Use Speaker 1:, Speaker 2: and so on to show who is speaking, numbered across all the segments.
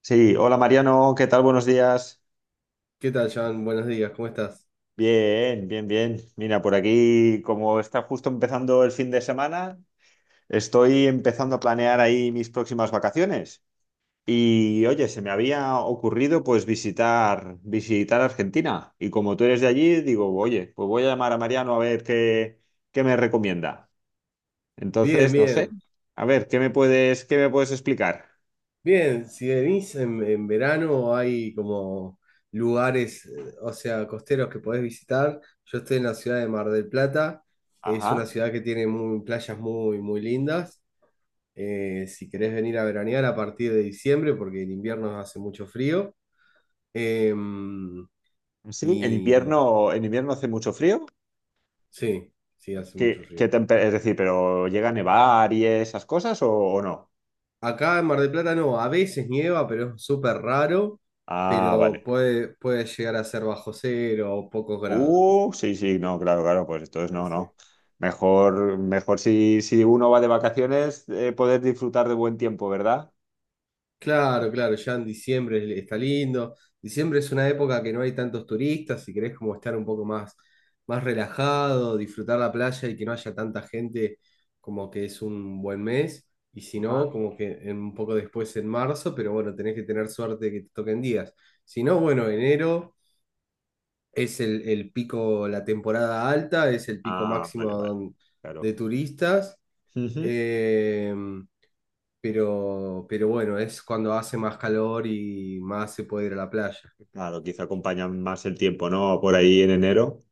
Speaker 1: Sí, hola Mariano, ¿qué tal? Buenos días.
Speaker 2: ¿Qué tal, Jan? Buenos días, ¿cómo estás?
Speaker 1: Bien, bien, bien. Mira, por aquí, como está justo empezando el fin de semana, estoy empezando a planear ahí mis próximas vacaciones. Y oye, se me había ocurrido pues visitar Argentina. Y como tú eres de allí, digo, oye, pues voy a llamar a Mariano a ver qué me recomienda.
Speaker 2: Bien,
Speaker 1: Entonces, no sé,
Speaker 2: bien.
Speaker 1: a ver, qué me puedes explicar?
Speaker 2: Bien, si venís en verano hay como lugares, o sea, costeros que podés visitar. Yo estoy en la ciudad de Mar del Plata. Es una
Speaker 1: Ajá.
Speaker 2: ciudad que tiene playas muy, muy lindas. Si querés venir a veranear a partir de diciembre, porque en invierno hace mucho frío. Em,
Speaker 1: Sí,
Speaker 2: y
Speaker 1: en invierno hace mucho frío.
Speaker 2: sí, sí, hace mucho frío.
Speaker 1: Es decir, pero llega a nevar y esas cosas o no?
Speaker 2: Acá en Mar del Plata no, a veces nieva, pero es súper raro,
Speaker 1: Ah,
Speaker 2: pero
Speaker 1: vale.
Speaker 2: puede, puede llegar a ser bajo cero o pocos grados.
Speaker 1: Sí, sí, no, claro, claro, pues entonces
Speaker 2: Sí,
Speaker 1: no,
Speaker 2: sí.
Speaker 1: no. Mejor, mejor si uno va de vacaciones, poder disfrutar de buen tiempo, ¿verdad?
Speaker 2: Claro, claro, ya en diciembre está lindo. Diciembre es una época que no hay tantos turistas, si querés como estar un poco más, más relajado, disfrutar la playa y que no haya tanta gente, como que es un buen mes. Y si
Speaker 1: Ajá.
Speaker 2: no, como que un poco después en marzo, pero bueno, tenés que tener suerte de que te toquen días. Si no, bueno, enero es el pico, la temporada alta, es el pico
Speaker 1: Ah,
Speaker 2: máximo
Speaker 1: vale, vale,
Speaker 2: de
Speaker 1: claro.
Speaker 2: turistas,
Speaker 1: Ujú.
Speaker 2: eh, pero bueno, es cuando hace más calor y más se puede ir a la playa.
Speaker 1: Claro, quizá acompaña más el tiempo, ¿no? Por ahí en enero.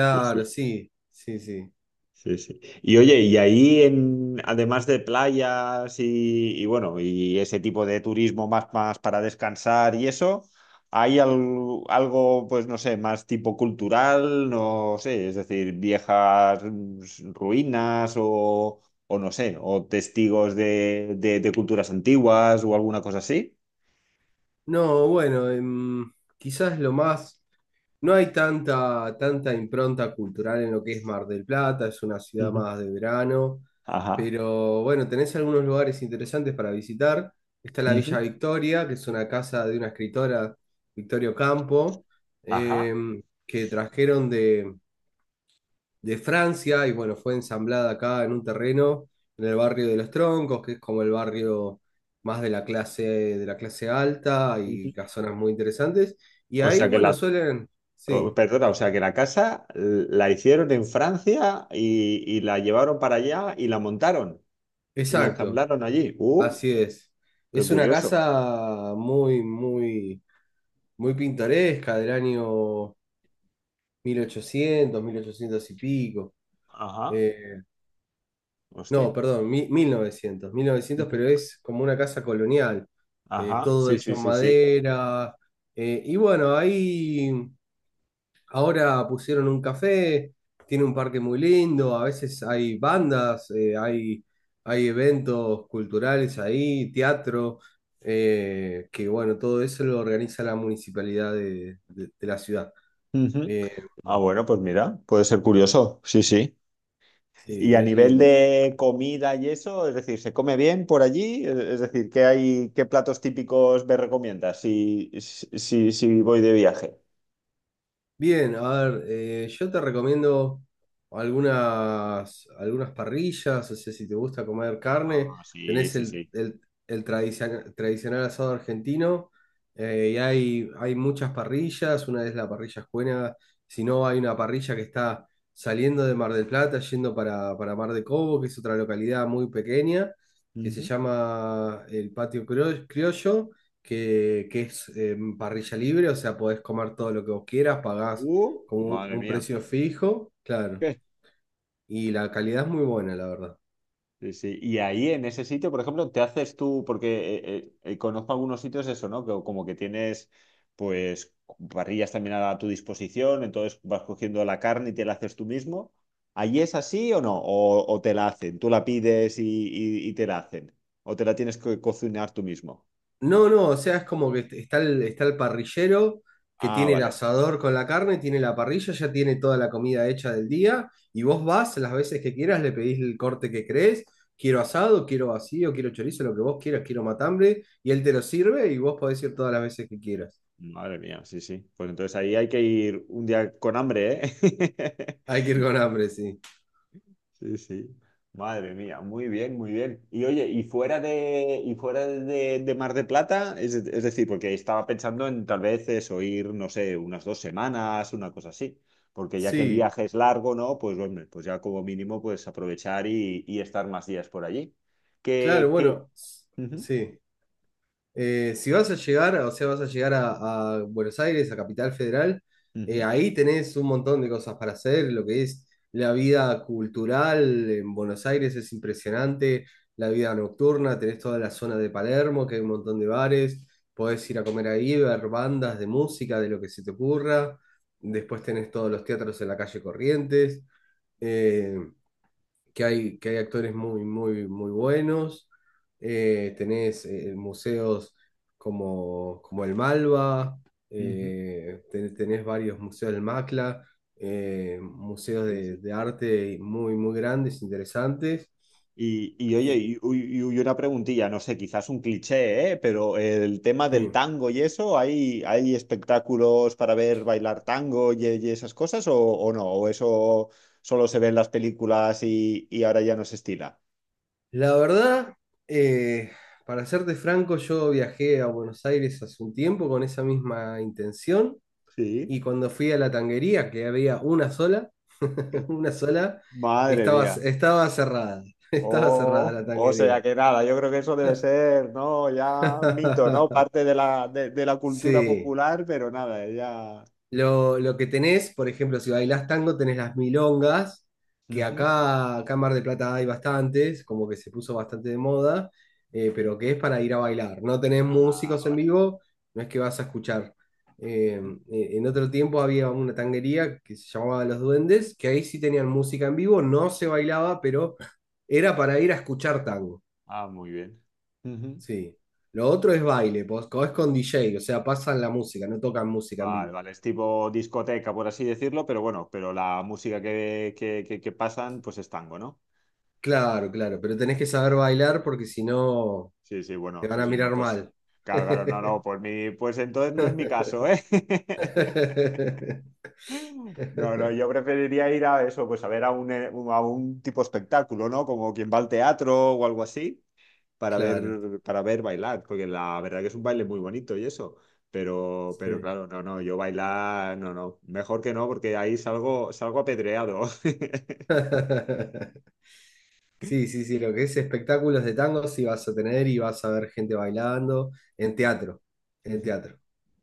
Speaker 1: Sí, sí.
Speaker 2: sí, sí, sí.
Speaker 1: Sí, sí. Y oye, además de playas y bueno, y ese tipo de turismo más para descansar y eso, ¿hay al- algo, pues no sé, más tipo cultural? No sé, es decir, viejas ruinas o no sé, o testigos de culturas antiguas o alguna cosa así.
Speaker 2: No, bueno, quizás lo más... No hay tanta, tanta impronta cultural en lo que es Mar del Plata, es una ciudad
Speaker 1: Ujú.
Speaker 2: más de verano,
Speaker 1: Ajá.
Speaker 2: pero bueno, tenés algunos lugares interesantes para visitar. Está la
Speaker 1: Ujú.
Speaker 2: Villa Victoria, que es una casa de una escritora, Victorio Campo,
Speaker 1: Ajá.
Speaker 2: eh, que trajeron de Francia y bueno, fue ensamblada acá en un terreno en el barrio de Los Troncos, que es como el barrio más de la clase alta
Speaker 1: Ujú.
Speaker 2: y las zonas muy interesantes. Y
Speaker 1: O
Speaker 2: ahí,
Speaker 1: sea que
Speaker 2: bueno,
Speaker 1: la
Speaker 2: suelen, sí,
Speaker 1: Oh, perdona, o sea que la casa la hicieron en Francia y la llevaron para allá y la montaron y la
Speaker 2: exacto,
Speaker 1: ensamblaron allí. ¡Uh!
Speaker 2: así es.
Speaker 1: ¡Qué
Speaker 2: Es una
Speaker 1: curioso!
Speaker 2: casa muy, muy, muy pintoresca del año mil ochocientos, mil ochocientos y pico.
Speaker 1: Ajá,
Speaker 2: Eh, No,
Speaker 1: hostia.
Speaker 2: perdón, mil novecientos,
Speaker 1: Ujú.
Speaker 2: pero es como una casa colonial,
Speaker 1: Ajá,
Speaker 2: todo
Speaker 1: sí,
Speaker 2: hecho
Speaker 1: sí,
Speaker 2: en
Speaker 1: sí, sí.
Speaker 2: madera. Y bueno, ahí ahora pusieron un café, tiene un parque muy lindo, a veces hay bandas, hay, hay eventos culturales ahí, teatro, que bueno, todo eso lo organiza la municipalidad de, de la ciudad.
Speaker 1: Ujú.
Speaker 2: Eh,
Speaker 1: Ah, bueno, pues mira, puede ser curioso, sí, sí.
Speaker 2: sí,
Speaker 1: Y a
Speaker 2: es
Speaker 1: nivel
Speaker 2: lindo.
Speaker 1: de comida y eso, es decir, ¿se come bien por allí? Es decir, ¿qué hay, qué platos típicos me recomiendas si voy de viaje?
Speaker 2: Bien, a ver, yo te recomiendo algunas, algunas parrillas, o sea, si te gusta comer carne,
Speaker 1: Ah, sí,
Speaker 2: tenés
Speaker 1: sí,
Speaker 2: el,
Speaker 1: sí.
Speaker 2: el tradicional asado argentino, y hay muchas parrillas, una es la parrilla Escuena, si no hay una parrilla que está saliendo de Mar del Plata, yendo para Mar de Cobo, que es otra localidad muy pequeña, que se
Speaker 1: Ujú.
Speaker 2: llama el Patio Criollo, que es parrilla libre, o sea, podés comer todo lo que vos quieras, pagás con
Speaker 1: Madre
Speaker 2: un
Speaker 1: mía.
Speaker 2: precio fijo, claro. Y la calidad es muy buena, la verdad.
Speaker 1: Sí, sí. Y ahí en ese sitio, por ejemplo, te haces tú, porque conozco algunos sitios eso, ¿no? Que como que tienes pues parrillas también a tu disposición, entonces vas cogiendo la carne y te la haces tú mismo. ¿Allí es así o no? O te la hacen? ¿Tú la pides y te la hacen? ¿O te la tienes que cocinar tú mismo?
Speaker 2: No, no, o sea, es como que está el parrillero que
Speaker 1: Ah,
Speaker 2: tiene el
Speaker 1: vale. Vale.
Speaker 2: asador con la carne, tiene la parrilla, ya tiene toda la comida hecha del día, y vos vas las veces que quieras, le pedís el corte que crees, quiero asado, quiero vacío, quiero chorizo, lo que vos quieras, quiero matambre, y él te lo sirve y vos podés ir todas las veces que quieras.
Speaker 1: Madre mía, sí, sí. Pues entonces ahí hay que ir un día con hambre, ¿eh?
Speaker 2: Hay que ir con hambre, sí.
Speaker 1: Sí, sí. Madre mía, muy bien, muy bien. Y oye, y fuera de Mar de Plata, es decir, porque estaba pensando en tal vez eso, ir, no sé, unas dos semanas, una cosa así. Porque ya que el
Speaker 2: Sí,
Speaker 1: viaje es largo, ¿no? Pues hombre, pues ya como mínimo, pues aprovechar y estar más días por allí.
Speaker 2: claro,
Speaker 1: Que...
Speaker 2: bueno,
Speaker 1: Ujú,
Speaker 2: sí. Si vas a llegar, o sea, vas a llegar a Buenos Aires, a Capital Federal,
Speaker 1: ujú,
Speaker 2: ahí tenés un montón de cosas para hacer. Lo que es la vida cultural en Buenos Aires es impresionante, la vida nocturna, tenés toda la zona de Palermo, que hay un montón de bares, podés ir a comer ahí, ver bandas de música, de lo que se te ocurra. Después tenés todos los teatros en la calle Corrientes. eh, que hay, que hay actores muy, muy, muy buenos. Tenés museos como, como el Malva,
Speaker 1: ujú.
Speaker 2: tenés varios museos del Macla, museos
Speaker 1: Sí, sí.
Speaker 2: de arte muy, muy grandes, interesantes.
Speaker 1: Y, oye,
Speaker 2: Y,
Speaker 1: y una preguntilla, no sé, quizás un cliché, ¿eh? Pero el tema
Speaker 2: sí.
Speaker 1: del tango y eso, hay espectáculos para ver bailar tango y esas cosas o no? ¿O eso solo se ve en las películas y ahora ya no se estila?
Speaker 2: La verdad, eh, para serte franco, yo viajé a Buenos Aires hace un tiempo con esa misma intención.
Speaker 1: Sí.
Speaker 2: Y cuando fui a la tanguería, que había una sola,
Speaker 1: Que-
Speaker 2: una sola,
Speaker 1: Madre
Speaker 2: estaba,
Speaker 1: mía.
Speaker 2: estaba cerrada, estaba cerrada
Speaker 1: Oh,
Speaker 2: la
Speaker 1: o sea
Speaker 2: tanguería.
Speaker 1: que nada, yo creo que eso debe ser, ¿no? Ya mito, ¿no? Parte de la cultura
Speaker 2: Sí.
Speaker 1: popular, pero nada, ya...
Speaker 2: Lo que tenés, por ejemplo, si bailás tango, tenés las milongas, que
Speaker 1: Ujú.
Speaker 2: acá, acá en Mar del Plata hay bastantes, como que se puso bastante de moda, pero que es para ir a bailar. No tenés músicos en
Speaker 1: Ah,
Speaker 2: vivo, no es que vas a escuchar. Eh,
Speaker 1: ujú.
Speaker 2: en otro tiempo había una tanguería que se llamaba Los Duendes, que ahí sí tenían música en vivo, no se bailaba, pero era para ir a escuchar tango.
Speaker 1: Ah, muy bien. Ujú.
Speaker 2: Sí. Lo otro es baile, pues, es con DJ, o sea, pasan la música, no tocan música en
Speaker 1: Vale,
Speaker 2: vivo.
Speaker 1: vale, es tipo discoteca, por así decirlo, pero bueno, pero la música que pasan, pues es tango, ¿no?
Speaker 2: Claro, claro, pero tenés
Speaker 1: Sí,
Speaker 2: que saber bailar porque si no
Speaker 1: sí, sí,
Speaker 2: te
Speaker 1: bueno,
Speaker 2: van
Speaker 1: sí,
Speaker 2: a
Speaker 1: sí, no,
Speaker 2: mirar
Speaker 1: pues,
Speaker 2: mal.
Speaker 1: claro, claro, no, no, por mí, pues entonces no es mi caso, ¿eh? No, no, yo preferiría ir a eso, pues a ver a un, a un tipo espectáculo, ¿no? Como quien va al teatro o algo así, para
Speaker 2: Claro,
Speaker 1: para ver bailar, porque la verdad que es un baile muy bonito y eso. Pero
Speaker 2: sí.
Speaker 1: claro, no, no, yo bailar, no, no, mejor que no, porque ahí salgo, salgo apedreado.
Speaker 2: Sí, sí, sí, lo que es espectáculos de tango sí vas a tener y vas a ver gente bailando en teatro, en
Speaker 1: Ujú.
Speaker 2: teatro,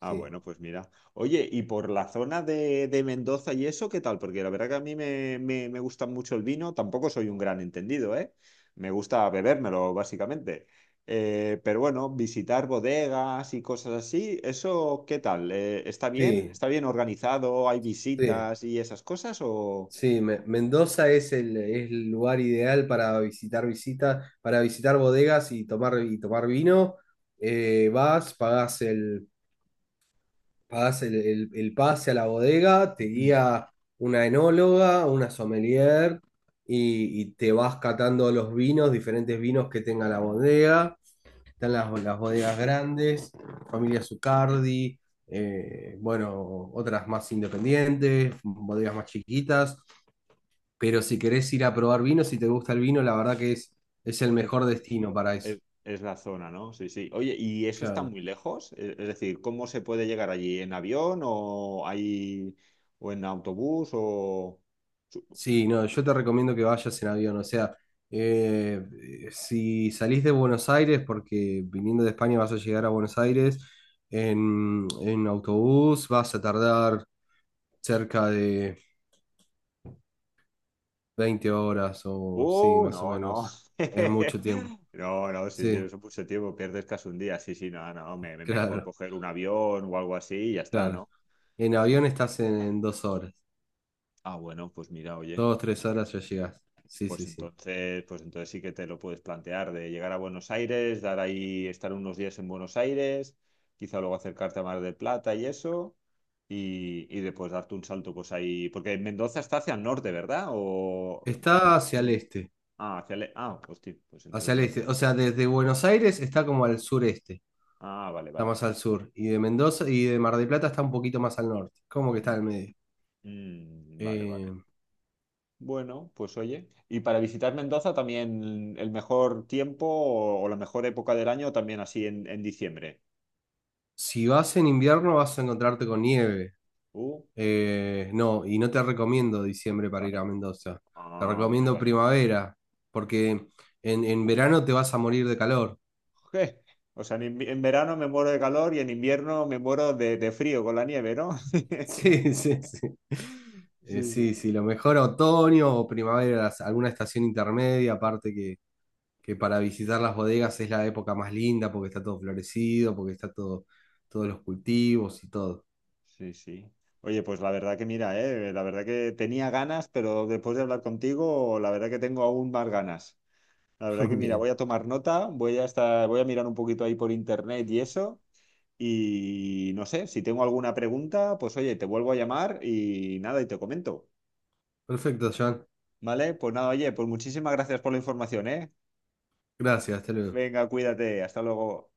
Speaker 1: Ah,
Speaker 2: sí.
Speaker 1: bueno, pues mira. Oye, y por la zona de Mendoza y eso, ¿qué tal? Porque la verdad que a mí me gusta mucho el vino, tampoco soy un gran entendido, ¿eh? Me gusta bebérmelo, básicamente. Pero bueno, visitar bodegas y cosas así, ¿eso qué tal? ¿Está bien?
Speaker 2: Sí,
Speaker 1: ¿Está bien organizado? ¿Hay
Speaker 2: sí,
Speaker 1: visitas y esas cosas? ¿O...?
Speaker 2: sí, Mendoza es el lugar ideal para visitar visitas, para visitar bodegas y tomar vino. Vas, pagás el, pagás el, el pase a la bodega, te
Speaker 1: Mm.
Speaker 2: guía una enóloga, una sommelier y te vas catando los vinos, diferentes vinos que tenga la
Speaker 1: Mm.
Speaker 2: bodega. Están las bodegas grandes, Familia Zucardi, bueno, otras más independientes, bodegas más chiquitas. Pero si querés ir a probar vino, si te gusta el vino, la verdad que es el mejor destino para eso.
Speaker 1: Es, es la zona, ¿no? Sí, sí. Oye, ¿y eso está
Speaker 2: Claro.
Speaker 1: muy lejos? Es decir, ¿cómo se puede llegar allí? ¿En avión o hay o en autobús o su-
Speaker 2: Sí, no, yo te recomiendo que vayas en avión. O sea, eh, si salís de Buenos Aires, porque viniendo de España vas a llegar a Buenos Aires, en autobús vas a tardar cerca de 20 horas o sí,
Speaker 1: ¡Uh!
Speaker 2: más o
Speaker 1: No, no.
Speaker 2: menos. Es mucho tiempo.
Speaker 1: No, no, sí, sí,
Speaker 2: Sí,
Speaker 1: eso mucho tiempo, pierdes casi un día. Sí, sí, no, no, mejor
Speaker 2: claro,
Speaker 1: coger un avión o algo así y ya está,
Speaker 2: claro.
Speaker 1: ¿no?
Speaker 2: En
Speaker 1: Sí,
Speaker 2: avión
Speaker 1: sí.
Speaker 2: estás en 2 horas.
Speaker 1: Ah, bueno, pues mira, oye.
Speaker 2: 2, 3 horas ya llegás. Sí, sí, sí.
Speaker 1: Pues entonces sí que te lo puedes plantear de llegar a Buenos Aires, dar ahí, estar unos días en Buenos Aires, quizá luego acercarte a Mar del Plata y eso, y después darte un salto pues ahí, porque Mendoza está hacia el norte, ¿verdad? O
Speaker 2: Está hacia el este.
Speaker 1: ah, hacia el... ah, hostia, pues entonces
Speaker 2: Hacia el
Speaker 1: no me
Speaker 2: este. O sea, desde Buenos Aires está como al sureste.
Speaker 1: Ah, vale,
Speaker 2: Está
Speaker 1: vale.
Speaker 2: más al sur. Y de Mendoza y de Mar del Plata está un poquito más al norte. Como que está al
Speaker 1: Ujú.
Speaker 2: medio.
Speaker 1: Mm, vale,
Speaker 2: Eh,
Speaker 1: vale. Bueno, pues oye, y para visitar Mendoza también el mejor tiempo o la mejor época del año también así en diciembre.
Speaker 2: si vas en invierno vas a encontrarte con nieve.
Speaker 1: Uh.
Speaker 2: No, y no te recomiendo diciembre para ir
Speaker 1: Vale.
Speaker 2: a Mendoza. Te
Speaker 1: Ah, vale,
Speaker 2: recomiendo
Speaker 1: vale.
Speaker 2: primavera, porque en verano te vas a morir de calor.
Speaker 1: Je, o sea, en verano me muero de calor y en invierno me muero de frío con la nieve, ¿no?
Speaker 2: Sí, sí, sí.
Speaker 1: Sí, sí.
Speaker 2: Sí, sí, lo mejor otoño o primavera, alguna estación intermedia, aparte que para visitar las bodegas es la época más linda porque está todo florecido, porque está todo, todos los cultivos y todo.
Speaker 1: Sí, sí. Oye, pues la verdad que mira, la verdad que tenía ganas, pero después de hablar contigo, la verdad que tengo aún más ganas. La verdad que mira,
Speaker 2: Bien,
Speaker 1: voy a tomar nota, voy a estar, voy a mirar un poquito ahí por internet y eso. Y no sé, si tengo alguna pregunta, pues oye, te vuelvo a llamar y nada, y te comento.
Speaker 2: perfecto, John.
Speaker 1: ¿Vale? Pues nada, oye, pues muchísimas gracias por la información, ¿eh?
Speaker 2: Gracias, hasta luego.
Speaker 1: Venga, cuídate, hasta luego.